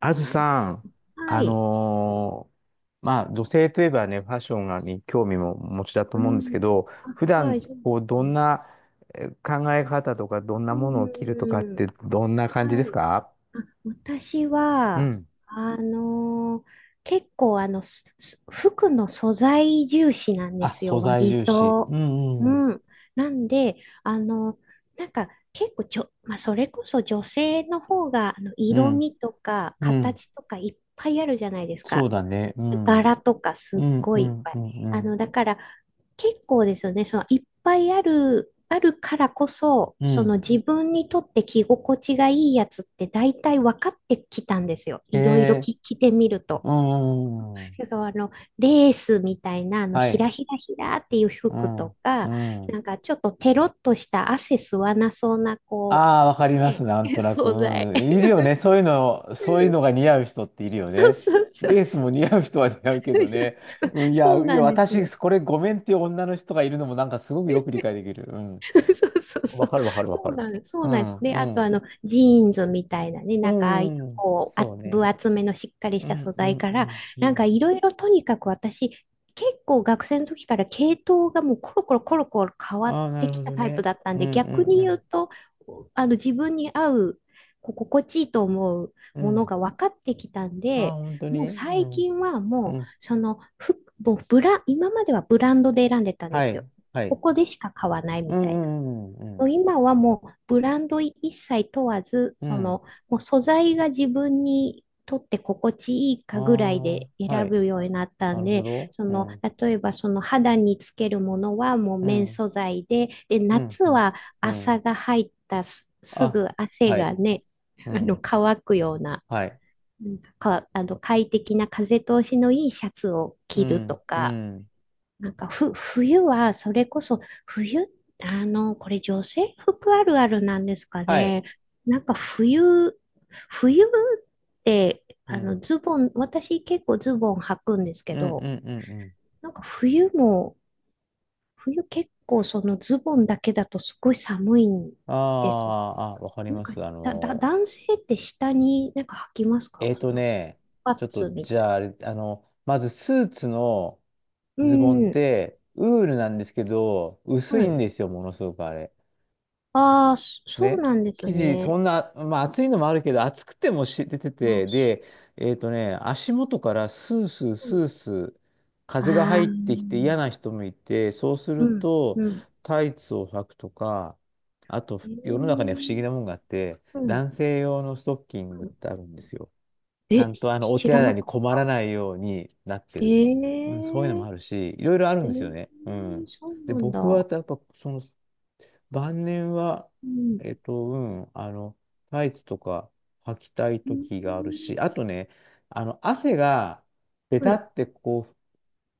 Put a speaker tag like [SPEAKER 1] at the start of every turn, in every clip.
[SPEAKER 1] あずさん、
[SPEAKER 2] は
[SPEAKER 1] あ
[SPEAKER 2] い。
[SPEAKER 1] のまあ、女性といえばね、ファッションがに興味もお持ちだと
[SPEAKER 2] う
[SPEAKER 1] 思うんです
[SPEAKER 2] ん。
[SPEAKER 1] けど、
[SPEAKER 2] あ、
[SPEAKER 1] 普
[SPEAKER 2] はい、
[SPEAKER 1] 段、
[SPEAKER 2] そうで
[SPEAKER 1] こう、ど
[SPEAKER 2] す
[SPEAKER 1] ん
[SPEAKER 2] ね。
[SPEAKER 1] な考え方とか、どんな
[SPEAKER 2] う
[SPEAKER 1] ものを着るとかっ
[SPEAKER 2] ん。
[SPEAKER 1] て、どんな感じで
[SPEAKER 2] は
[SPEAKER 1] す
[SPEAKER 2] い。
[SPEAKER 1] か？
[SPEAKER 2] あ、私
[SPEAKER 1] う
[SPEAKER 2] は、
[SPEAKER 1] ん。
[SPEAKER 2] あのー結構、服の素材重視なんで
[SPEAKER 1] あ、
[SPEAKER 2] すよ、
[SPEAKER 1] 素材
[SPEAKER 2] 割
[SPEAKER 1] 重視。
[SPEAKER 2] と。
[SPEAKER 1] う
[SPEAKER 2] う
[SPEAKER 1] ん、うん、
[SPEAKER 2] ん。なんで、あの、なんか、結構まあ、それこそ女性の方が、
[SPEAKER 1] う
[SPEAKER 2] 色
[SPEAKER 1] ん、
[SPEAKER 2] 味とか、
[SPEAKER 1] うん。
[SPEAKER 2] 形とかいっぱいあるじゃないです
[SPEAKER 1] そう
[SPEAKER 2] か。
[SPEAKER 1] だね。うん、
[SPEAKER 2] 柄とかす
[SPEAKER 1] う
[SPEAKER 2] っ
[SPEAKER 1] ん、
[SPEAKER 2] ご
[SPEAKER 1] う
[SPEAKER 2] いいっ
[SPEAKER 1] ん、
[SPEAKER 2] ぱ
[SPEAKER 1] う
[SPEAKER 2] い。
[SPEAKER 1] ん、うん。
[SPEAKER 2] だから結構ですよね。そのいっぱいあるからこそ、
[SPEAKER 1] う
[SPEAKER 2] その
[SPEAKER 1] ん。
[SPEAKER 2] 自分にとって着心地がいいやつって大体分かってきたんですよ。
[SPEAKER 1] へ
[SPEAKER 2] いろいろ
[SPEAKER 1] え、
[SPEAKER 2] 着てみると。
[SPEAKER 1] うん、うんうん。
[SPEAKER 2] だからレースみたいな、
[SPEAKER 1] は
[SPEAKER 2] ひら
[SPEAKER 1] い。
[SPEAKER 2] ひらひらっていう
[SPEAKER 1] う
[SPEAKER 2] 服と
[SPEAKER 1] ん、う
[SPEAKER 2] か、
[SPEAKER 1] ん。
[SPEAKER 2] なんかちょっとテロッとした汗吸わなそうな、こ
[SPEAKER 1] ああ、わかり
[SPEAKER 2] う、
[SPEAKER 1] ます、
[SPEAKER 2] ね、
[SPEAKER 1] なん となく。
[SPEAKER 2] 惣菜。
[SPEAKER 1] うん、いるよね。そういうの、そういうのが似合う人っているよ
[SPEAKER 2] そう
[SPEAKER 1] ね。
[SPEAKER 2] そうそう
[SPEAKER 1] レース
[SPEAKER 2] そ
[SPEAKER 1] も
[SPEAKER 2] う。
[SPEAKER 1] 似合う人は似合うけどね。うん、いや、
[SPEAKER 2] そう
[SPEAKER 1] い
[SPEAKER 2] な
[SPEAKER 1] や、
[SPEAKER 2] んです
[SPEAKER 1] 私、
[SPEAKER 2] よ。
[SPEAKER 1] これごめんっていう女の人がいるのもなんかすごくよく理解できる。うん。
[SPEAKER 2] そうそうそ
[SPEAKER 1] わ
[SPEAKER 2] う。
[SPEAKER 1] かるわかるわか
[SPEAKER 2] そう
[SPEAKER 1] る。
[SPEAKER 2] なんですそ
[SPEAKER 1] う
[SPEAKER 2] うなんで
[SPEAKER 1] ん、
[SPEAKER 2] す。で、
[SPEAKER 1] う
[SPEAKER 2] あと
[SPEAKER 1] ん。
[SPEAKER 2] ジーンズみたいなね、
[SPEAKER 1] う
[SPEAKER 2] なんかああいう
[SPEAKER 1] ん、うん
[SPEAKER 2] こう、あ、
[SPEAKER 1] そう
[SPEAKER 2] 分
[SPEAKER 1] ね。
[SPEAKER 2] 厚めのしっかりし
[SPEAKER 1] う
[SPEAKER 2] た
[SPEAKER 1] ん、
[SPEAKER 2] 素
[SPEAKER 1] う
[SPEAKER 2] 材
[SPEAKER 1] ん、
[SPEAKER 2] か
[SPEAKER 1] う
[SPEAKER 2] ら、
[SPEAKER 1] ん、う
[SPEAKER 2] なんか
[SPEAKER 1] ん。
[SPEAKER 2] いろいろとにかく私、結構学生の時から系統がもうコロコロコロコロ変わっ
[SPEAKER 1] ああ、な
[SPEAKER 2] て
[SPEAKER 1] る
[SPEAKER 2] き
[SPEAKER 1] ほ
[SPEAKER 2] た
[SPEAKER 1] ど
[SPEAKER 2] タイプ
[SPEAKER 1] ね。
[SPEAKER 2] だった
[SPEAKER 1] う
[SPEAKER 2] ん
[SPEAKER 1] ん、
[SPEAKER 2] で、逆に
[SPEAKER 1] う
[SPEAKER 2] 言
[SPEAKER 1] ん、
[SPEAKER 2] うと、自分に合う、こう心地いいと思う
[SPEAKER 1] うん。う
[SPEAKER 2] もの
[SPEAKER 1] ん。
[SPEAKER 2] が分かってきたん
[SPEAKER 1] ああ、
[SPEAKER 2] で、
[SPEAKER 1] 本当に。
[SPEAKER 2] もう
[SPEAKER 1] う
[SPEAKER 2] 最
[SPEAKER 1] ん、
[SPEAKER 2] 近は
[SPEAKER 1] う
[SPEAKER 2] もう、
[SPEAKER 1] ん。
[SPEAKER 2] その、服もう今まではブランドで選んでたんで
[SPEAKER 1] は
[SPEAKER 2] すよ。
[SPEAKER 1] い、は
[SPEAKER 2] こ
[SPEAKER 1] い。
[SPEAKER 2] こでしか買わない
[SPEAKER 1] う
[SPEAKER 2] みたいな。
[SPEAKER 1] ん、うん、う
[SPEAKER 2] も
[SPEAKER 1] ん、
[SPEAKER 2] う今はもうブランド一切問わず、
[SPEAKER 1] うん。
[SPEAKER 2] そ
[SPEAKER 1] うん。
[SPEAKER 2] のもう素材が自分にとって心地いい
[SPEAKER 1] あ
[SPEAKER 2] かぐらい
[SPEAKER 1] あ、
[SPEAKER 2] で
[SPEAKER 1] は
[SPEAKER 2] 選
[SPEAKER 1] い。
[SPEAKER 2] ぶようになった
[SPEAKER 1] な
[SPEAKER 2] ん
[SPEAKER 1] るほ
[SPEAKER 2] で、
[SPEAKER 1] ど。
[SPEAKER 2] そ
[SPEAKER 1] う
[SPEAKER 2] の
[SPEAKER 1] ん。
[SPEAKER 2] 例えばその肌につけるものはもう
[SPEAKER 1] う
[SPEAKER 2] 綿
[SPEAKER 1] ん。
[SPEAKER 2] 素材で、で
[SPEAKER 1] うん。
[SPEAKER 2] 夏
[SPEAKER 1] うん。
[SPEAKER 2] は
[SPEAKER 1] う
[SPEAKER 2] 朝
[SPEAKER 1] ん。
[SPEAKER 2] が入ったす
[SPEAKER 1] あ、
[SPEAKER 2] ぐ汗
[SPEAKER 1] は
[SPEAKER 2] が
[SPEAKER 1] い。
[SPEAKER 2] ね、
[SPEAKER 1] うん。
[SPEAKER 2] 乾くような、
[SPEAKER 1] はい。
[SPEAKER 2] うんか、快適な風通しのいいシャツを
[SPEAKER 1] う
[SPEAKER 2] 着ると
[SPEAKER 1] ん。う
[SPEAKER 2] か。
[SPEAKER 1] ん。
[SPEAKER 2] なんか冬は、それこそ、冬、これ女性服あるあるなんですか
[SPEAKER 1] はい。
[SPEAKER 2] ね。なんか冬って、
[SPEAKER 1] うん。
[SPEAKER 2] ズボン、私結構ズボン履くんです
[SPEAKER 1] う
[SPEAKER 2] け
[SPEAKER 1] ん。う
[SPEAKER 2] ど、
[SPEAKER 1] ん。うん。うん
[SPEAKER 2] なんか冬結構そのズボンだけだとすごい寒いん
[SPEAKER 1] あー、
[SPEAKER 2] です。
[SPEAKER 1] あ、わかり
[SPEAKER 2] なん
[SPEAKER 1] ま
[SPEAKER 2] か、
[SPEAKER 1] す。
[SPEAKER 2] 男性って下になんか履きますか
[SPEAKER 1] えー
[SPEAKER 2] そ
[SPEAKER 1] と
[SPEAKER 2] のス
[SPEAKER 1] ね、
[SPEAKER 2] パッ
[SPEAKER 1] ちょっ
[SPEAKER 2] ツ
[SPEAKER 1] と、
[SPEAKER 2] み
[SPEAKER 1] じ
[SPEAKER 2] たい
[SPEAKER 1] ゃあ、あれ、あの、まず、スーツの
[SPEAKER 2] な。う
[SPEAKER 1] ズボンっ
[SPEAKER 2] ん。
[SPEAKER 1] て、ウールなんですけど、薄
[SPEAKER 2] は
[SPEAKER 1] いん
[SPEAKER 2] い。
[SPEAKER 1] ですよ、ものすごくあれ。
[SPEAKER 2] ああ、そう
[SPEAKER 1] で、
[SPEAKER 2] なんです
[SPEAKER 1] 生地、そ
[SPEAKER 2] ね。
[SPEAKER 1] んな、まあ暑いのもあるけど、暑くてもし出てて、
[SPEAKER 2] あ
[SPEAKER 1] で、足元からスースー
[SPEAKER 2] そ
[SPEAKER 1] スー
[SPEAKER 2] う
[SPEAKER 1] スー
[SPEAKER 2] あ
[SPEAKER 1] 風が
[SPEAKER 2] あ、
[SPEAKER 1] 入
[SPEAKER 2] う
[SPEAKER 1] ってきて嫌な人もいて、そうする
[SPEAKER 2] ん、う
[SPEAKER 1] と、
[SPEAKER 2] ん。
[SPEAKER 1] タイツを履くとか、あと、
[SPEAKER 2] ええ
[SPEAKER 1] 世の中には不思議なもんがあって、
[SPEAKER 2] うん、う
[SPEAKER 1] 男性用のストッキングっ
[SPEAKER 2] ん。
[SPEAKER 1] てあるんですよ。ちゃ
[SPEAKER 2] え、
[SPEAKER 1] んとあの、お
[SPEAKER 2] 知
[SPEAKER 1] 手
[SPEAKER 2] ら
[SPEAKER 1] 洗
[SPEAKER 2] な
[SPEAKER 1] いに
[SPEAKER 2] かっ
[SPEAKER 1] 困ら
[SPEAKER 2] た。
[SPEAKER 1] ないようになって
[SPEAKER 2] え
[SPEAKER 1] る。うん、そういうのも
[SPEAKER 2] え
[SPEAKER 1] あるし、いろいろある
[SPEAKER 2] え
[SPEAKER 1] んですよね。う
[SPEAKER 2] ー
[SPEAKER 1] ん。
[SPEAKER 2] そうな
[SPEAKER 1] で、
[SPEAKER 2] んだ。
[SPEAKER 1] 僕はや
[SPEAKER 2] う
[SPEAKER 1] っぱ、その、晩年は、
[SPEAKER 2] ん、
[SPEAKER 1] えっと、うあの、タイツとか履きたい
[SPEAKER 2] う
[SPEAKER 1] 時がある
[SPEAKER 2] ん、
[SPEAKER 1] し、あとね、あの、汗が、ベ
[SPEAKER 2] は
[SPEAKER 1] タ
[SPEAKER 2] い、
[SPEAKER 1] ってこう、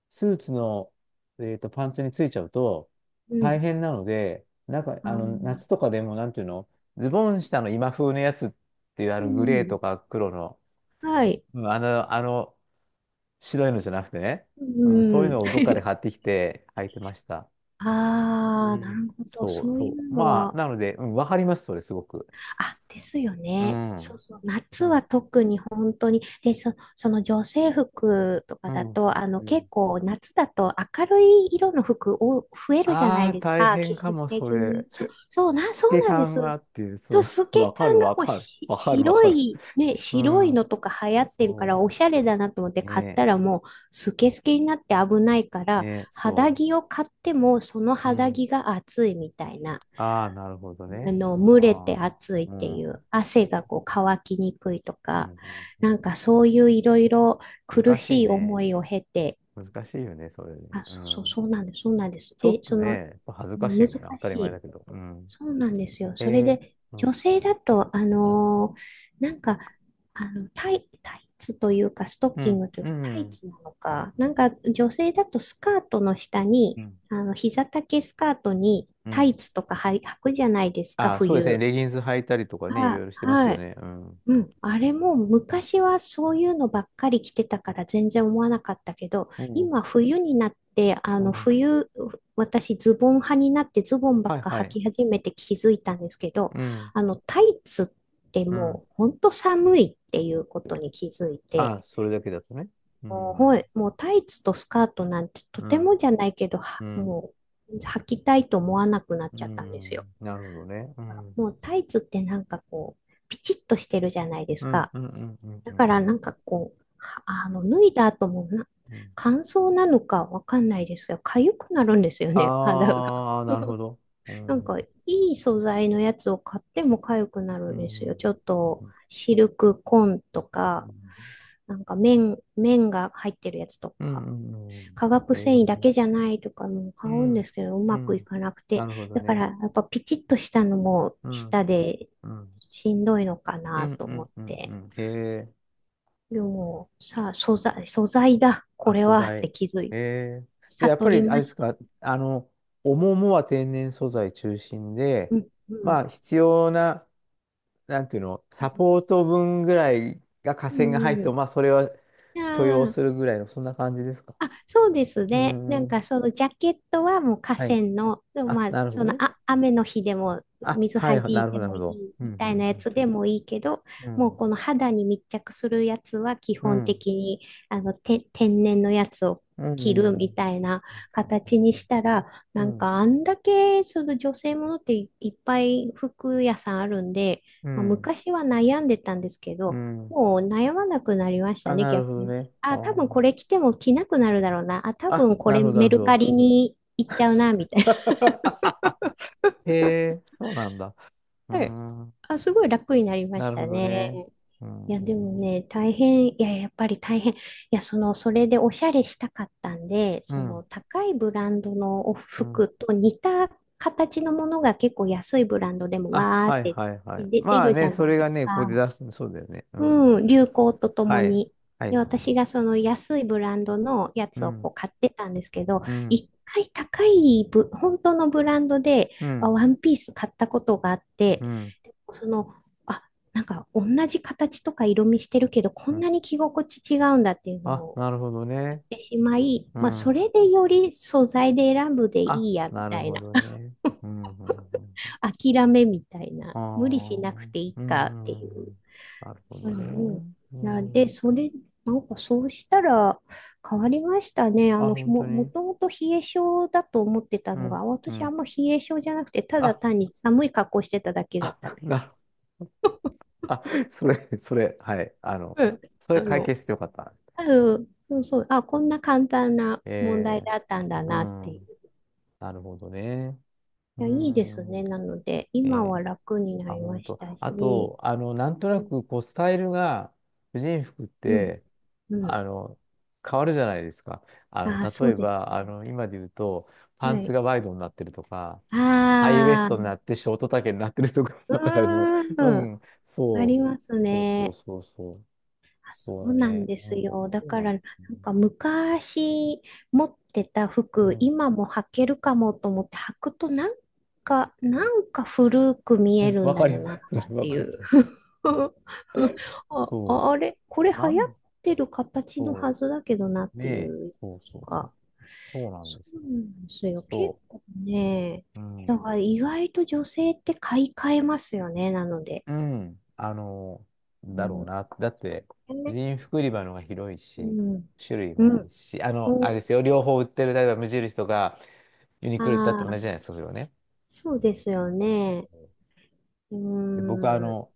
[SPEAKER 1] スーツの、パンツについちゃうと、
[SPEAKER 2] う
[SPEAKER 1] 大
[SPEAKER 2] ん、
[SPEAKER 1] 変なので、なんか、
[SPEAKER 2] あ
[SPEAKER 1] あ
[SPEAKER 2] ー、
[SPEAKER 1] の、夏とかでも、なんていうの、ズボン下の今風のやつっていう、あ
[SPEAKER 2] う
[SPEAKER 1] の、グレーと
[SPEAKER 2] ん、
[SPEAKER 1] か黒の、
[SPEAKER 2] はい、
[SPEAKER 1] うん、あの、白いのじゃなくてね、
[SPEAKER 2] う
[SPEAKER 1] うん、そういう
[SPEAKER 2] ん。
[SPEAKER 1] のをどっかで買ってきて履いてました。う
[SPEAKER 2] ああ、な
[SPEAKER 1] ん。
[SPEAKER 2] るほど。
[SPEAKER 1] そう、
[SPEAKER 2] そう
[SPEAKER 1] そ
[SPEAKER 2] いう
[SPEAKER 1] う。
[SPEAKER 2] の
[SPEAKER 1] まあ、
[SPEAKER 2] は、
[SPEAKER 1] なので、うん、わかります、それ、すごく。
[SPEAKER 2] あ、ですよ
[SPEAKER 1] う
[SPEAKER 2] ね。そう
[SPEAKER 1] ん。
[SPEAKER 2] そう。
[SPEAKER 1] う
[SPEAKER 2] 夏は
[SPEAKER 1] ん。
[SPEAKER 2] 特に本当に。で、その女性服とか
[SPEAKER 1] う
[SPEAKER 2] だ
[SPEAKER 1] ん。
[SPEAKER 2] と、
[SPEAKER 1] う
[SPEAKER 2] 結
[SPEAKER 1] ん。
[SPEAKER 2] 構夏だと明るい色の服を増えるじゃな
[SPEAKER 1] あ
[SPEAKER 2] い
[SPEAKER 1] あ、
[SPEAKER 2] です
[SPEAKER 1] 大
[SPEAKER 2] か。季
[SPEAKER 1] 変か
[SPEAKER 2] 節
[SPEAKER 1] も、そ
[SPEAKER 2] 的
[SPEAKER 1] れ。
[SPEAKER 2] に。そう、そ
[SPEAKER 1] 透
[SPEAKER 2] う
[SPEAKER 1] け
[SPEAKER 2] なんで
[SPEAKER 1] 感があ
[SPEAKER 2] す。
[SPEAKER 1] って、
[SPEAKER 2] そう、
[SPEAKER 1] そ
[SPEAKER 2] 透
[SPEAKER 1] う、
[SPEAKER 2] け
[SPEAKER 1] わかる、
[SPEAKER 2] 感が
[SPEAKER 1] わ
[SPEAKER 2] もう
[SPEAKER 1] かる。
[SPEAKER 2] し、
[SPEAKER 1] わかる、わ
[SPEAKER 2] 白
[SPEAKER 1] かる。
[SPEAKER 2] い、ね、
[SPEAKER 1] う
[SPEAKER 2] 白い
[SPEAKER 1] ん。
[SPEAKER 2] のとか流行ってるから、
[SPEAKER 1] そ
[SPEAKER 2] おしゃれだなと思って
[SPEAKER 1] う。
[SPEAKER 2] 買っ
[SPEAKER 1] ね
[SPEAKER 2] たらもう、スケスケになって危ないか
[SPEAKER 1] え、ね
[SPEAKER 2] ら、
[SPEAKER 1] え、
[SPEAKER 2] 肌
[SPEAKER 1] そ
[SPEAKER 2] 着を買っても、その
[SPEAKER 1] う。う
[SPEAKER 2] 肌
[SPEAKER 1] ん。
[SPEAKER 2] 着が暑いみたいな。
[SPEAKER 1] ああ、なるほどね。
[SPEAKER 2] 蒸れ
[SPEAKER 1] あ
[SPEAKER 2] て
[SPEAKER 1] あ、
[SPEAKER 2] 暑いっ
[SPEAKER 1] う
[SPEAKER 2] ていう、
[SPEAKER 1] ん。
[SPEAKER 2] 汗が
[SPEAKER 1] ね。
[SPEAKER 2] こう乾きにくいと
[SPEAKER 1] うん、
[SPEAKER 2] か、
[SPEAKER 1] うんう
[SPEAKER 2] なんかそういういろいろ
[SPEAKER 1] ん。
[SPEAKER 2] 苦
[SPEAKER 1] 難しい
[SPEAKER 2] しい思
[SPEAKER 1] ね。
[SPEAKER 2] いを経て、
[SPEAKER 1] 難しいよね、それね。
[SPEAKER 2] あ、
[SPEAKER 1] う
[SPEAKER 2] そうそう、
[SPEAKER 1] ん。
[SPEAKER 2] そうなんです、そうなんです。
[SPEAKER 1] ちょ
[SPEAKER 2] で、
[SPEAKER 1] っと
[SPEAKER 2] そ
[SPEAKER 1] ね、
[SPEAKER 2] の、
[SPEAKER 1] やっぱ恥ずかしい
[SPEAKER 2] 難
[SPEAKER 1] よね。当た
[SPEAKER 2] し
[SPEAKER 1] り前
[SPEAKER 2] い。
[SPEAKER 1] だけど。うん。
[SPEAKER 2] そうなんですよ。
[SPEAKER 1] え
[SPEAKER 2] それ
[SPEAKER 1] え
[SPEAKER 2] で、
[SPEAKER 1] う
[SPEAKER 2] 女
[SPEAKER 1] ん、
[SPEAKER 2] 性だと、
[SPEAKER 1] うん、
[SPEAKER 2] なんか、タイツというか、ストッ
[SPEAKER 1] う
[SPEAKER 2] キン
[SPEAKER 1] ん、
[SPEAKER 2] グという
[SPEAKER 1] う
[SPEAKER 2] か、タイ
[SPEAKER 1] ん、
[SPEAKER 2] ツなのか、なんか女性だとスカートの下に、
[SPEAKER 1] うん。
[SPEAKER 2] 膝丈スカートに
[SPEAKER 1] う
[SPEAKER 2] タイ
[SPEAKER 1] ん。
[SPEAKER 2] ツとかはい履くじゃないですか、
[SPEAKER 1] あ、そうですね。
[SPEAKER 2] 冬。
[SPEAKER 1] レギンス履いたりとかね、いろ
[SPEAKER 2] あ、
[SPEAKER 1] いろしてます
[SPEAKER 2] は
[SPEAKER 1] よ
[SPEAKER 2] い。
[SPEAKER 1] ね。うん、
[SPEAKER 2] うん。あれも
[SPEAKER 1] うん、
[SPEAKER 2] 昔はそういうのばっかり着てたから全然思わなかったけど、
[SPEAKER 1] うん。
[SPEAKER 2] 今冬になって、冬、私ズボン派になってズボンば
[SPEAKER 1] は
[SPEAKER 2] っ
[SPEAKER 1] い、
[SPEAKER 2] か
[SPEAKER 1] は
[SPEAKER 2] 履
[SPEAKER 1] い。
[SPEAKER 2] き始めて気づいたんですけど、
[SPEAKER 1] うん、
[SPEAKER 2] あのタイツって
[SPEAKER 1] うん。
[SPEAKER 2] もう本当寒いっていうことに気づいて、
[SPEAKER 1] あ、それだけだとね。う
[SPEAKER 2] はい、
[SPEAKER 1] ん、
[SPEAKER 2] もうタイツとスカートなんてと
[SPEAKER 1] う
[SPEAKER 2] て
[SPEAKER 1] ん、
[SPEAKER 2] もじゃないけど、
[SPEAKER 1] うん、
[SPEAKER 2] もう履きたいと思わなくなっ
[SPEAKER 1] う
[SPEAKER 2] ちゃったんですよ。
[SPEAKER 1] ん。なるほどね。うん、うん、
[SPEAKER 2] もうタイツってなんかこう、ピチッとしてるじゃないです
[SPEAKER 1] うん、
[SPEAKER 2] か。
[SPEAKER 1] うん、うん、
[SPEAKER 2] だから
[SPEAKER 1] う
[SPEAKER 2] な
[SPEAKER 1] ん。
[SPEAKER 2] んかこう、はあの、脱いだ後もな、
[SPEAKER 1] うん
[SPEAKER 2] 乾燥なのかわかんないですけど、痒くなるんですよね、肌が。
[SPEAKER 1] ああー、なるほ ど。うん、
[SPEAKER 2] なん
[SPEAKER 1] う
[SPEAKER 2] か、
[SPEAKER 1] ん、
[SPEAKER 2] いい素材のやつを買っても痒くな
[SPEAKER 1] う
[SPEAKER 2] るんですよ。
[SPEAKER 1] ん、
[SPEAKER 2] ちょっと、シルクコーンとか、なんか綿が入ってるやつと
[SPEAKER 1] う
[SPEAKER 2] か、
[SPEAKER 1] ん、うん。
[SPEAKER 2] 化学
[SPEAKER 1] ええ
[SPEAKER 2] 繊維だ
[SPEAKER 1] ー、
[SPEAKER 2] けじゃないとかも
[SPEAKER 1] う
[SPEAKER 2] 買うんで
[SPEAKER 1] ん、
[SPEAKER 2] すけど、う
[SPEAKER 1] う
[SPEAKER 2] まくい
[SPEAKER 1] ん。
[SPEAKER 2] かなく
[SPEAKER 1] な
[SPEAKER 2] て。
[SPEAKER 1] るほど
[SPEAKER 2] だか
[SPEAKER 1] ね。
[SPEAKER 2] ら、やっぱピチッとしたのも、
[SPEAKER 1] うん
[SPEAKER 2] 舌で
[SPEAKER 1] うん。
[SPEAKER 2] しんどいのか
[SPEAKER 1] う
[SPEAKER 2] な
[SPEAKER 1] ん
[SPEAKER 2] と
[SPEAKER 1] う
[SPEAKER 2] 思っ
[SPEAKER 1] んうんう
[SPEAKER 2] て。
[SPEAKER 1] ん。へえ。
[SPEAKER 2] でも、さあ、素材、素材だ、こ
[SPEAKER 1] あ、
[SPEAKER 2] れ
[SPEAKER 1] 素
[SPEAKER 2] はっ
[SPEAKER 1] 材。
[SPEAKER 2] て気づい、
[SPEAKER 1] へえ。じゃあ、やっ
[SPEAKER 2] 悟
[SPEAKER 1] ぱ
[SPEAKER 2] り
[SPEAKER 1] り、あれ
[SPEAKER 2] ま
[SPEAKER 1] で
[SPEAKER 2] し
[SPEAKER 1] す
[SPEAKER 2] た。
[SPEAKER 1] か、あの、おももは天然素材中心で、
[SPEAKER 2] うん、う
[SPEAKER 1] まあ、
[SPEAKER 2] ん、
[SPEAKER 1] 必要な、なんていうの、サポート分ぐらいが下
[SPEAKER 2] う
[SPEAKER 1] 線が入っても、
[SPEAKER 2] ん。
[SPEAKER 1] まあ、それは
[SPEAKER 2] じ
[SPEAKER 1] 許容
[SPEAKER 2] ゃあ
[SPEAKER 1] するぐらいの、そんな感じですか？
[SPEAKER 2] あ、そうです
[SPEAKER 1] うー
[SPEAKER 2] ね。なんか
[SPEAKER 1] ん。
[SPEAKER 2] そのジャケットはもう河
[SPEAKER 1] はい。
[SPEAKER 2] 川の、でも
[SPEAKER 1] あ、
[SPEAKER 2] まあ
[SPEAKER 1] なるほ
[SPEAKER 2] そ
[SPEAKER 1] ど
[SPEAKER 2] の
[SPEAKER 1] ね。
[SPEAKER 2] 雨の日でも
[SPEAKER 1] あ、
[SPEAKER 2] 水
[SPEAKER 1] は
[SPEAKER 2] 弾
[SPEAKER 1] い、な
[SPEAKER 2] い
[SPEAKER 1] るほ
[SPEAKER 2] て
[SPEAKER 1] ど、なる
[SPEAKER 2] も
[SPEAKER 1] ほ
[SPEAKER 2] い
[SPEAKER 1] ど。
[SPEAKER 2] い
[SPEAKER 1] うん、
[SPEAKER 2] みたいなやつ
[SPEAKER 1] う
[SPEAKER 2] で
[SPEAKER 1] ん、
[SPEAKER 2] もいいけど、
[SPEAKER 1] う
[SPEAKER 2] もう
[SPEAKER 1] ん、
[SPEAKER 2] この肌に密着するやつは基
[SPEAKER 1] う
[SPEAKER 2] 本
[SPEAKER 1] ん。
[SPEAKER 2] 的にあのて天然のやつを
[SPEAKER 1] う
[SPEAKER 2] 着る
[SPEAKER 1] ん、う
[SPEAKER 2] み
[SPEAKER 1] ん、
[SPEAKER 2] たいな
[SPEAKER 1] う
[SPEAKER 2] 形
[SPEAKER 1] ん、
[SPEAKER 2] にしたら、
[SPEAKER 1] う
[SPEAKER 2] なん
[SPEAKER 1] ん、
[SPEAKER 2] かあんだけその女性ものっていいっぱい服屋さんあるんで、
[SPEAKER 1] うん、う
[SPEAKER 2] まあ、
[SPEAKER 1] ん、うん。
[SPEAKER 2] 昔は悩んでたんですけ
[SPEAKER 1] う
[SPEAKER 2] ど、
[SPEAKER 1] ん
[SPEAKER 2] もう悩まなくなりました
[SPEAKER 1] あ、
[SPEAKER 2] ね、
[SPEAKER 1] なる
[SPEAKER 2] 逆
[SPEAKER 1] ほど
[SPEAKER 2] に。
[SPEAKER 1] ね。あ
[SPEAKER 2] あ、多分こ
[SPEAKER 1] ー、
[SPEAKER 2] れ着ても着なくなるだろうな。あ、多
[SPEAKER 1] あ、
[SPEAKER 2] 分こ
[SPEAKER 1] なる
[SPEAKER 2] れ
[SPEAKER 1] ほど、な
[SPEAKER 2] メ
[SPEAKER 1] るほ
[SPEAKER 2] ルカ
[SPEAKER 1] ど。
[SPEAKER 2] リに行っちゃうな、みたい
[SPEAKER 1] へえ、そうなんだ。うー
[SPEAKER 2] な。はい。
[SPEAKER 1] ん、
[SPEAKER 2] あ、すごい楽になりま
[SPEAKER 1] な
[SPEAKER 2] し
[SPEAKER 1] るほ
[SPEAKER 2] た
[SPEAKER 1] ど
[SPEAKER 2] ね。
[SPEAKER 1] ね。う
[SPEAKER 2] いや、でも
[SPEAKER 1] ん、
[SPEAKER 2] ね、大変、いや、やっぱり大変。いや、その、それでおしゃれしたかったんで、
[SPEAKER 1] う
[SPEAKER 2] その、
[SPEAKER 1] ん、
[SPEAKER 2] 高いブランドのお
[SPEAKER 1] うん。
[SPEAKER 2] 服と似た形のものが結構安いブランドでも
[SPEAKER 1] あ、
[SPEAKER 2] わーっ
[SPEAKER 1] はい、
[SPEAKER 2] て
[SPEAKER 1] はい、はい。
[SPEAKER 2] 出
[SPEAKER 1] まあ
[SPEAKER 2] るじ
[SPEAKER 1] ね、
[SPEAKER 2] ゃな
[SPEAKER 1] そ
[SPEAKER 2] い
[SPEAKER 1] れ
[SPEAKER 2] です
[SPEAKER 1] がね、ここで
[SPEAKER 2] か。
[SPEAKER 1] 出すの、そうだよね。うん。
[SPEAKER 2] うん、流行ととも
[SPEAKER 1] はい、
[SPEAKER 2] に。
[SPEAKER 1] は
[SPEAKER 2] で、
[SPEAKER 1] い。
[SPEAKER 2] 私がその安いブランドのや
[SPEAKER 1] う
[SPEAKER 2] つをこ
[SPEAKER 1] ん、
[SPEAKER 2] う買ってたんですけど、
[SPEAKER 1] うん、
[SPEAKER 2] 一回高い本当のブランドで、
[SPEAKER 1] う
[SPEAKER 2] あ
[SPEAKER 1] ん、
[SPEAKER 2] ワンピース買ったことがあって、
[SPEAKER 1] うん、
[SPEAKER 2] その、あ、なんか同じ形とか色味してるけど、こ
[SPEAKER 1] う
[SPEAKER 2] ん
[SPEAKER 1] ん。
[SPEAKER 2] なに着心地違うんだっていうの
[SPEAKER 1] あ、
[SPEAKER 2] を
[SPEAKER 1] なるほど
[SPEAKER 2] 言っ
[SPEAKER 1] ね。
[SPEAKER 2] てしまい、
[SPEAKER 1] う
[SPEAKER 2] まあ、そ
[SPEAKER 1] ん。
[SPEAKER 2] れでより素材で選ぶで
[SPEAKER 1] あ、
[SPEAKER 2] いいや、み
[SPEAKER 1] なる
[SPEAKER 2] たい
[SPEAKER 1] ほ
[SPEAKER 2] な。
[SPEAKER 1] どね。う ん、うん、うん。うん
[SPEAKER 2] 諦めみたいな。
[SPEAKER 1] あ
[SPEAKER 2] 無理し
[SPEAKER 1] あ、
[SPEAKER 2] なくていい
[SPEAKER 1] う
[SPEAKER 2] かって
[SPEAKER 1] ん、
[SPEAKER 2] いう。
[SPEAKER 1] うん。なるほ
[SPEAKER 2] から
[SPEAKER 1] どね。
[SPEAKER 2] も
[SPEAKER 1] う
[SPEAKER 2] う、で、
[SPEAKER 1] ん
[SPEAKER 2] なんかそうしたら変わりましたね。
[SPEAKER 1] あ、本当
[SPEAKER 2] も
[SPEAKER 1] に。
[SPEAKER 2] ともと冷え性だと思ってた
[SPEAKER 1] う
[SPEAKER 2] の
[SPEAKER 1] ん、
[SPEAKER 2] が、
[SPEAKER 1] う
[SPEAKER 2] 私あ
[SPEAKER 1] ん。
[SPEAKER 2] んま冷え性じゃなくて、ただ
[SPEAKER 1] あ、
[SPEAKER 2] 単に寒い格好してただけだっ
[SPEAKER 1] あ、
[SPEAKER 2] たの。
[SPEAKER 1] な、あ、それ、それ、はい。あの、
[SPEAKER 2] うん。
[SPEAKER 1] それ
[SPEAKER 2] あ
[SPEAKER 1] 解
[SPEAKER 2] の、
[SPEAKER 1] 決してよかった。
[SPEAKER 2] そうそう、あ、こんな簡単な問
[SPEAKER 1] え
[SPEAKER 2] 題だったんだ
[SPEAKER 1] ー、
[SPEAKER 2] なって
[SPEAKER 1] う
[SPEAKER 2] い
[SPEAKER 1] ん。
[SPEAKER 2] う。
[SPEAKER 1] なるほどね。う
[SPEAKER 2] いや、いいです
[SPEAKER 1] ん。
[SPEAKER 2] ね。なので、今は
[SPEAKER 1] ね、
[SPEAKER 2] 楽にな
[SPEAKER 1] あ、
[SPEAKER 2] り
[SPEAKER 1] 本
[SPEAKER 2] まし
[SPEAKER 1] 当。
[SPEAKER 2] た
[SPEAKER 1] あ
[SPEAKER 2] し、
[SPEAKER 1] と、あの、なんとな
[SPEAKER 2] うん、
[SPEAKER 1] く、こう、スタイルが、婦人服っ
[SPEAKER 2] うん。
[SPEAKER 1] て、
[SPEAKER 2] うん
[SPEAKER 1] あの、変わるじゃないですか。あの、
[SPEAKER 2] あー、そ
[SPEAKER 1] 例
[SPEAKER 2] う
[SPEAKER 1] え
[SPEAKER 2] です
[SPEAKER 1] ば、あの、今で言うと、
[SPEAKER 2] ね。
[SPEAKER 1] パン
[SPEAKER 2] は
[SPEAKER 1] ツ
[SPEAKER 2] い。
[SPEAKER 1] がワイドになってるとか、ハイウエス
[SPEAKER 2] あ
[SPEAKER 1] トにな
[SPEAKER 2] あ、
[SPEAKER 1] ってショート丈になってるとか、
[SPEAKER 2] う
[SPEAKER 1] あの、う
[SPEAKER 2] ーん、
[SPEAKER 1] ん、
[SPEAKER 2] あ
[SPEAKER 1] そ
[SPEAKER 2] り
[SPEAKER 1] う。
[SPEAKER 2] ます
[SPEAKER 1] そうそう
[SPEAKER 2] ね。
[SPEAKER 1] そうそう。
[SPEAKER 2] あ、そ
[SPEAKER 1] そ
[SPEAKER 2] う
[SPEAKER 1] うだ
[SPEAKER 2] なん
[SPEAKER 1] ね。
[SPEAKER 2] で
[SPEAKER 1] う
[SPEAKER 2] す
[SPEAKER 1] ん。
[SPEAKER 2] よ。だ
[SPEAKER 1] そう
[SPEAKER 2] か
[SPEAKER 1] な
[SPEAKER 2] ら、
[SPEAKER 1] ん
[SPEAKER 2] な
[SPEAKER 1] で
[SPEAKER 2] ん
[SPEAKER 1] すね。
[SPEAKER 2] か昔持ってた
[SPEAKER 1] う
[SPEAKER 2] 服、
[SPEAKER 1] ん。
[SPEAKER 2] 今も履けるかもと思って履くと、なんか古く見
[SPEAKER 1] う
[SPEAKER 2] え
[SPEAKER 1] ん、
[SPEAKER 2] る
[SPEAKER 1] わ
[SPEAKER 2] んだ
[SPEAKER 1] かり
[SPEAKER 2] よ
[SPEAKER 1] ま
[SPEAKER 2] な、っ
[SPEAKER 1] す。それわ
[SPEAKER 2] てい
[SPEAKER 1] かり
[SPEAKER 2] う。
[SPEAKER 1] ます。
[SPEAKER 2] あ、
[SPEAKER 1] そ
[SPEAKER 2] あれ、これ
[SPEAKER 1] う。
[SPEAKER 2] 流
[SPEAKER 1] な
[SPEAKER 2] 行っ
[SPEAKER 1] ん、
[SPEAKER 2] てる形の
[SPEAKER 1] そ
[SPEAKER 2] はずだけどな、っ
[SPEAKER 1] う。ね
[SPEAKER 2] てい
[SPEAKER 1] え。
[SPEAKER 2] う
[SPEAKER 1] そうそうそ
[SPEAKER 2] か。
[SPEAKER 1] う。そうなん
[SPEAKER 2] そ
[SPEAKER 1] です
[SPEAKER 2] う
[SPEAKER 1] よ。
[SPEAKER 2] なんですよ。結
[SPEAKER 1] そ
[SPEAKER 2] 構ね、
[SPEAKER 1] う。う
[SPEAKER 2] だ
[SPEAKER 1] ん。
[SPEAKER 2] から意外と女性って買い替えますよね、なので。
[SPEAKER 1] うん。あの、
[SPEAKER 2] う
[SPEAKER 1] だろう
[SPEAKER 2] ん。
[SPEAKER 1] な。だって、婦
[SPEAKER 2] ね
[SPEAKER 1] 人服売り場のが広い
[SPEAKER 2] う
[SPEAKER 1] し、
[SPEAKER 2] ん。
[SPEAKER 1] 種類
[SPEAKER 2] う
[SPEAKER 1] も多い
[SPEAKER 2] ん。
[SPEAKER 1] し、あの、あれですよ。両方売ってる、例えば無印とかユニクロ行ったって
[SPEAKER 2] あ
[SPEAKER 1] 同じじゃな
[SPEAKER 2] あ、
[SPEAKER 1] いですか、それはね。
[SPEAKER 2] そうですよ
[SPEAKER 1] そ
[SPEAKER 2] ね。
[SPEAKER 1] う
[SPEAKER 2] う
[SPEAKER 1] で、僕はあ
[SPEAKER 2] ーん。
[SPEAKER 1] の、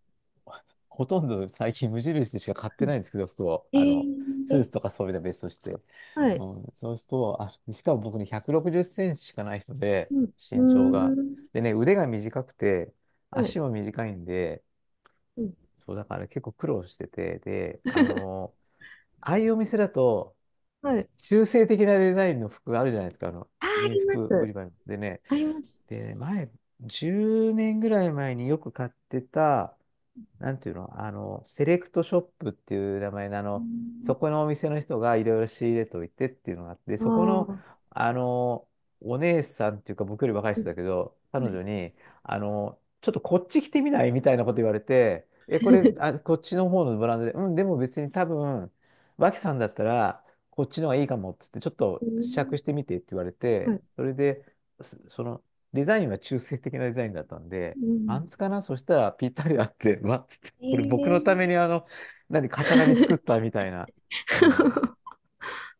[SPEAKER 1] ほとんど最近無印でしか買ってないんですけど、服を。
[SPEAKER 2] え
[SPEAKER 1] あの、
[SPEAKER 2] ー、
[SPEAKER 1] スーツ
[SPEAKER 2] え、
[SPEAKER 1] とかそういうのは別として。
[SPEAKER 2] は
[SPEAKER 1] う
[SPEAKER 2] い。
[SPEAKER 1] ん、そうすると、あ、しかも僕ね、160センチしかない人で、
[SPEAKER 2] うん。
[SPEAKER 1] 身長が。
[SPEAKER 2] うーん。
[SPEAKER 1] でね、腕が短くて、
[SPEAKER 2] はい。
[SPEAKER 1] 足も短いんで、
[SPEAKER 2] うん。
[SPEAKER 1] そうだから結構苦労してて、で、あ の、ああいうお店だと、
[SPEAKER 2] はい。
[SPEAKER 1] 中性的なデザインの服があるじゃないですか、あの、
[SPEAKER 2] あー、あ
[SPEAKER 1] 人
[SPEAKER 2] りま
[SPEAKER 1] 服売
[SPEAKER 2] す。
[SPEAKER 1] り場でね。
[SPEAKER 2] あります。
[SPEAKER 1] で、前、10年ぐらい前によく買ってた、なんていうの、あの、セレクトショップっていう名前の、あ
[SPEAKER 2] うー
[SPEAKER 1] の、そ
[SPEAKER 2] ん。
[SPEAKER 1] このお店の人がいろいろ仕入れといてっていうのがあって、
[SPEAKER 2] あ
[SPEAKER 1] そこの、
[SPEAKER 2] あ。
[SPEAKER 1] あの、お姉さんっていうか、僕より若い
[SPEAKER 2] う
[SPEAKER 1] 人
[SPEAKER 2] ん。
[SPEAKER 1] だけど、彼
[SPEAKER 2] はい。
[SPEAKER 1] 女に、あの、ちょっとこっち来てみないみたいなこと言われて、え、これ、あ、こっちの方のブランドで、うん、でも別に多分、脇さんだったら、こっちの方がいいかもっつって、ちょっ
[SPEAKER 2] う
[SPEAKER 1] と
[SPEAKER 2] ー
[SPEAKER 1] 試着
[SPEAKER 2] ん。
[SPEAKER 1] してみてって言われ
[SPEAKER 2] は
[SPEAKER 1] て、
[SPEAKER 2] い。
[SPEAKER 1] それで、その、デザインは中性的なデザインだったんで、
[SPEAKER 2] う
[SPEAKER 1] パン
[SPEAKER 2] ん。
[SPEAKER 1] ツかなそしたらぴったりあって、わっつって、
[SPEAKER 2] え
[SPEAKER 1] これ僕のために
[SPEAKER 2] ー。
[SPEAKER 1] あの、何、型紙作っ たみたいな。うん。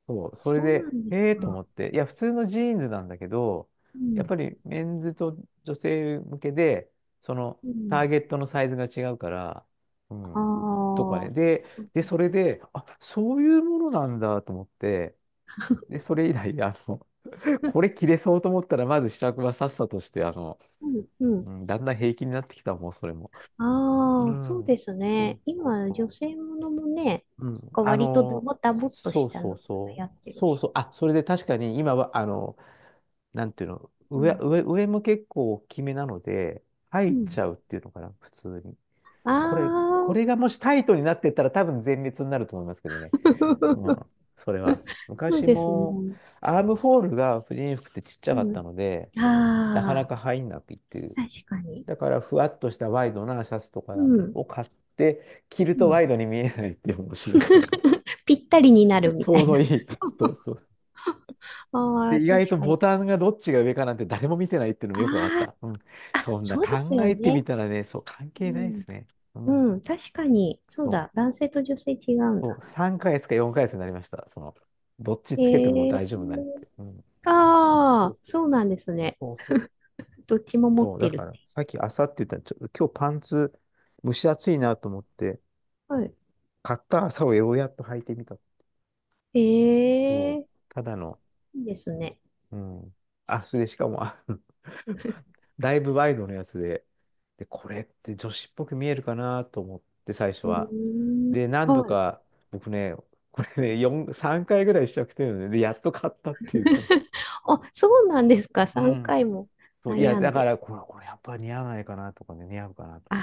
[SPEAKER 1] そう、それ
[SPEAKER 2] そうな
[SPEAKER 1] で、
[SPEAKER 2] んです
[SPEAKER 1] ええと思
[SPEAKER 2] か。
[SPEAKER 1] って、いや、普通のジーンズなんだけど、
[SPEAKER 2] う
[SPEAKER 1] やっ
[SPEAKER 2] ん。
[SPEAKER 1] ぱりメンズと女性向けで、その
[SPEAKER 2] う
[SPEAKER 1] ター
[SPEAKER 2] ん。
[SPEAKER 1] ゲットのサイズが違うから、う
[SPEAKER 2] あ
[SPEAKER 1] ん。とかね。
[SPEAKER 2] あ。
[SPEAKER 1] で、それで、あ、そういうものなんだと思って、で、それ以来、あの、
[SPEAKER 2] うん。
[SPEAKER 1] これ着れそうと思ったら、まず試着はさっさとして、あの、
[SPEAKER 2] うん。
[SPEAKER 1] うん、だんだん平気になってきたもうそれも。う
[SPEAKER 2] ああ、そう
[SPEAKER 1] ん。
[SPEAKER 2] です
[SPEAKER 1] そ
[SPEAKER 2] ね。
[SPEAKER 1] うそう
[SPEAKER 2] 今、女
[SPEAKER 1] そ
[SPEAKER 2] 性ものもね、
[SPEAKER 1] う。う
[SPEAKER 2] なん
[SPEAKER 1] ん。
[SPEAKER 2] か
[SPEAKER 1] あ
[SPEAKER 2] 割とダ
[SPEAKER 1] の、
[SPEAKER 2] ボダボっと
[SPEAKER 1] そ
[SPEAKER 2] し
[SPEAKER 1] う
[SPEAKER 2] た
[SPEAKER 1] そ
[SPEAKER 2] の
[SPEAKER 1] う
[SPEAKER 2] が
[SPEAKER 1] そ
[SPEAKER 2] 流行って
[SPEAKER 1] う。
[SPEAKER 2] る
[SPEAKER 1] そう
[SPEAKER 2] し。
[SPEAKER 1] そう。あ、それで確かに今は、あの、なんていうの、
[SPEAKER 2] う
[SPEAKER 1] 上、
[SPEAKER 2] ん。
[SPEAKER 1] 上、上も結構大きめなので、
[SPEAKER 2] う
[SPEAKER 1] 入っ
[SPEAKER 2] ん。
[SPEAKER 1] ちゃうっていうのかな、普通に。
[SPEAKER 2] あ
[SPEAKER 1] これ、こ
[SPEAKER 2] あ、
[SPEAKER 1] れがもしタイトになってったら多分全滅になると思いますけどね。うん。それは。
[SPEAKER 2] そう
[SPEAKER 1] 昔
[SPEAKER 2] です
[SPEAKER 1] も、
[SPEAKER 2] ね。
[SPEAKER 1] アームホールが婦人服ってちっちゃ
[SPEAKER 2] う
[SPEAKER 1] かった
[SPEAKER 2] ん。
[SPEAKER 1] ので、なかな
[SPEAKER 2] あ
[SPEAKER 1] か入んなくいって、
[SPEAKER 2] あ、確かに。
[SPEAKER 1] だから、ふわっとしたワイドなシャツと
[SPEAKER 2] う
[SPEAKER 1] か
[SPEAKER 2] ん。
[SPEAKER 1] を買って、着る
[SPEAKER 2] う
[SPEAKER 1] とワ
[SPEAKER 2] ん。
[SPEAKER 1] イドに見えないっていう面白いの。
[SPEAKER 2] ぴったりになる み
[SPEAKER 1] ち
[SPEAKER 2] た
[SPEAKER 1] ょう
[SPEAKER 2] い
[SPEAKER 1] ど
[SPEAKER 2] な。
[SPEAKER 1] いい。そう そう。
[SPEAKER 2] あ
[SPEAKER 1] で、
[SPEAKER 2] あ、
[SPEAKER 1] 意外と
[SPEAKER 2] 確か
[SPEAKER 1] ボ
[SPEAKER 2] に。
[SPEAKER 1] タンがどっちが上かなんて誰も見てないっていうの
[SPEAKER 2] あ
[SPEAKER 1] もよくわかった。うん。
[SPEAKER 2] あ、あ、
[SPEAKER 1] そんな
[SPEAKER 2] そうです
[SPEAKER 1] 考
[SPEAKER 2] よ
[SPEAKER 1] えて
[SPEAKER 2] ね。
[SPEAKER 1] みたらね、そう、関
[SPEAKER 2] う
[SPEAKER 1] 係ないで
[SPEAKER 2] ん。
[SPEAKER 1] すね。うん。
[SPEAKER 2] うん、確かに。そう
[SPEAKER 1] そ
[SPEAKER 2] だ。
[SPEAKER 1] う。
[SPEAKER 2] 男性と女性違うん
[SPEAKER 1] そ
[SPEAKER 2] だ。
[SPEAKER 1] う、3ヶ月か4ヶ月になりました。その、どっちつけても
[SPEAKER 2] え
[SPEAKER 1] 大
[SPEAKER 2] え
[SPEAKER 1] 丈夫になるって。うん。そ
[SPEAKER 2] ああ、
[SPEAKER 1] うそう
[SPEAKER 2] そうなんですね。
[SPEAKER 1] そうそう。
[SPEAKER 2] どっちも持っ
[SPEAKER 1] そうだ
[SPEAKER 2] てるっ
[SPEAKER 1] から、
[SPEAKER 2] て。
[SPEAKER 1] さっき朝って言ったら、ちょ、今日パンツ蒸し暑いなと思って、
[SPEAKER 2] はい。
[SPEAKER 1] 買った朝をようやっと履いてみた。
[SPEAKER 2] え
[SPEAKER 1] そう、
[SPEAKER 2] え、
[SPEAKER 1] ただの、
[SPEAKER 2] いいですね。
[SPEAKER 1] うん。あ、それでしかも、あの だいぶワイドのやつで、で、これって女子っぽく見えるかなと思って、最初
[SPEAKER 2] う
[SPEAKER 1] は。
[SPEAKER 2] ー
[SPEAKER 1] で、
[SPEAKER 2] ん。
[SPEAKER 1] 何度
[SPEAKER 2] はい。
[SPEAKER 1] か、僕ね、これね、4、3回ぐらい試着してるのね、で、やっと買ったっていう、その。
[SPEAKER 2] あ、そうなんですか。
[SPEAKER 1] う
[SPEAKER 2] 3
[SPEAKER 1] ん。
[SPEAKER 2] 回も
[SPEAKER 1] そう、いや、
[SPEAKER 2] 悩ん
[SPEAKER 1] だか
[SPEAKER 2] で。
[SPEAKER 1] ら、これやっぱ似合わないかなとかね、似合うかなと
[SPEAKER 2] あ
[SPEAKER 1] か。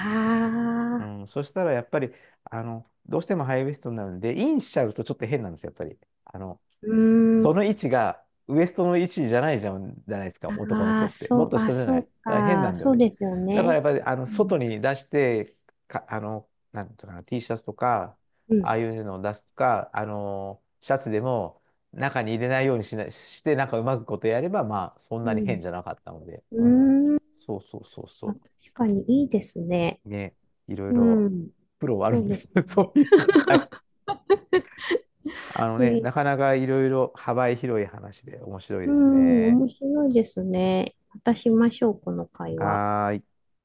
[SPEAKER 1] うん、そしたら、やっぱり、あの、どうしてもハイウエストになるんで、インしちゃうとちょっと変なんですよ、やっぱり。あの、
[SPEAKER 2] うー
[SPEAKER 1] そ
[SPEAKER 2] ん。
[SPEAKER 1] の位置がウエストの位置じゃないじゃん、じゃないですか、男の
[SPEAKER 2] あ
[SPEAKER 1] 人
[SPEAKER 2] あ、
[SPEAKER 1] って。も
[SPEAKER 2] そ
[SPEAKER 1] っ
[SPEAKER 2] う、
[SPEAKER 1] と
[SPEAKER 2] あ、
[SPEAKER 1] 下じゃな
[SPEAKER 2] そ
[SPEAKER 1] い。
[SPEAKER 2] う
[SPEAKER 1] だから変な
[SPEAKER 2] か。
[SPEAKER 1] んだよ
[SPEAKER 2] そう
[SPEAKER 1] ね。
[SPEAKER 2] ですよ
[SPEAKER 1] だからや
[SPEAKER 2] ね。
[SPEAKER 1] っぱり、あの、
[SPEAKER 2] う
[SPEAKER 1] 外
[SPEAKER 2] ん。
[SPEAKER 1] に出して、か、あの、なんていうのかな、T シャツとか、
[SPEAKER 2] う
[SPEAKER 1] ああ
[SPEAKER 2] ん。
[SPEAKER 1] いうのを出すとか、あの、シャツでも中に入れないようにしな、して、なんかうまくことやれば、まあ、そん
[SPEAKER 2] う
[SPEAKER 1] なに
[SPEAKER 2] ん。
[SPEAKER 1] 変じゃなかったので。
[SPEAKER 2] う
[SPEAKER 1] うん。
[SPEAKER 2] ーん。
[SPEAKER 1] そうそうそう
[SPEAKER 2] あ、確
[SPEAKER 1] そ
[SPEAKER 2] かにいいですね。
[SPEAKER 1] う。ね、いろい
[SPEAKER 2] う
[SPEAKER 1] ろ、
[SPEAKER 2] ん。
[SPEAKER 1] プロはある
[SPEAKER 2] そ
[SPEAKER 1] ん
[SPEAKER 2] う
[SPEAKER 1] で
[SPEAKER 2] で
[SPEAKER 1] す
[SPEAKER 2] す
[SPEAKER 1] よ。そ
[SPEAKER 2] ね。
[SPEAKER 1] ういう。はい。あの
[SPEAKER 2] え
[SPEAKER 1] ね、
[SPEAKER 2] ー
[SPEAKER 1] なかなかいろいろ幅広い話で面白い
[SPEAKER 2] う
[SPEAKER 1] です
[SPEAKER 2] ん、
[SPEAKER 1] ね。
[SPEAKER 2] 面白いですね。またしましょう、この会話。
[SPEAKER 1] はーい。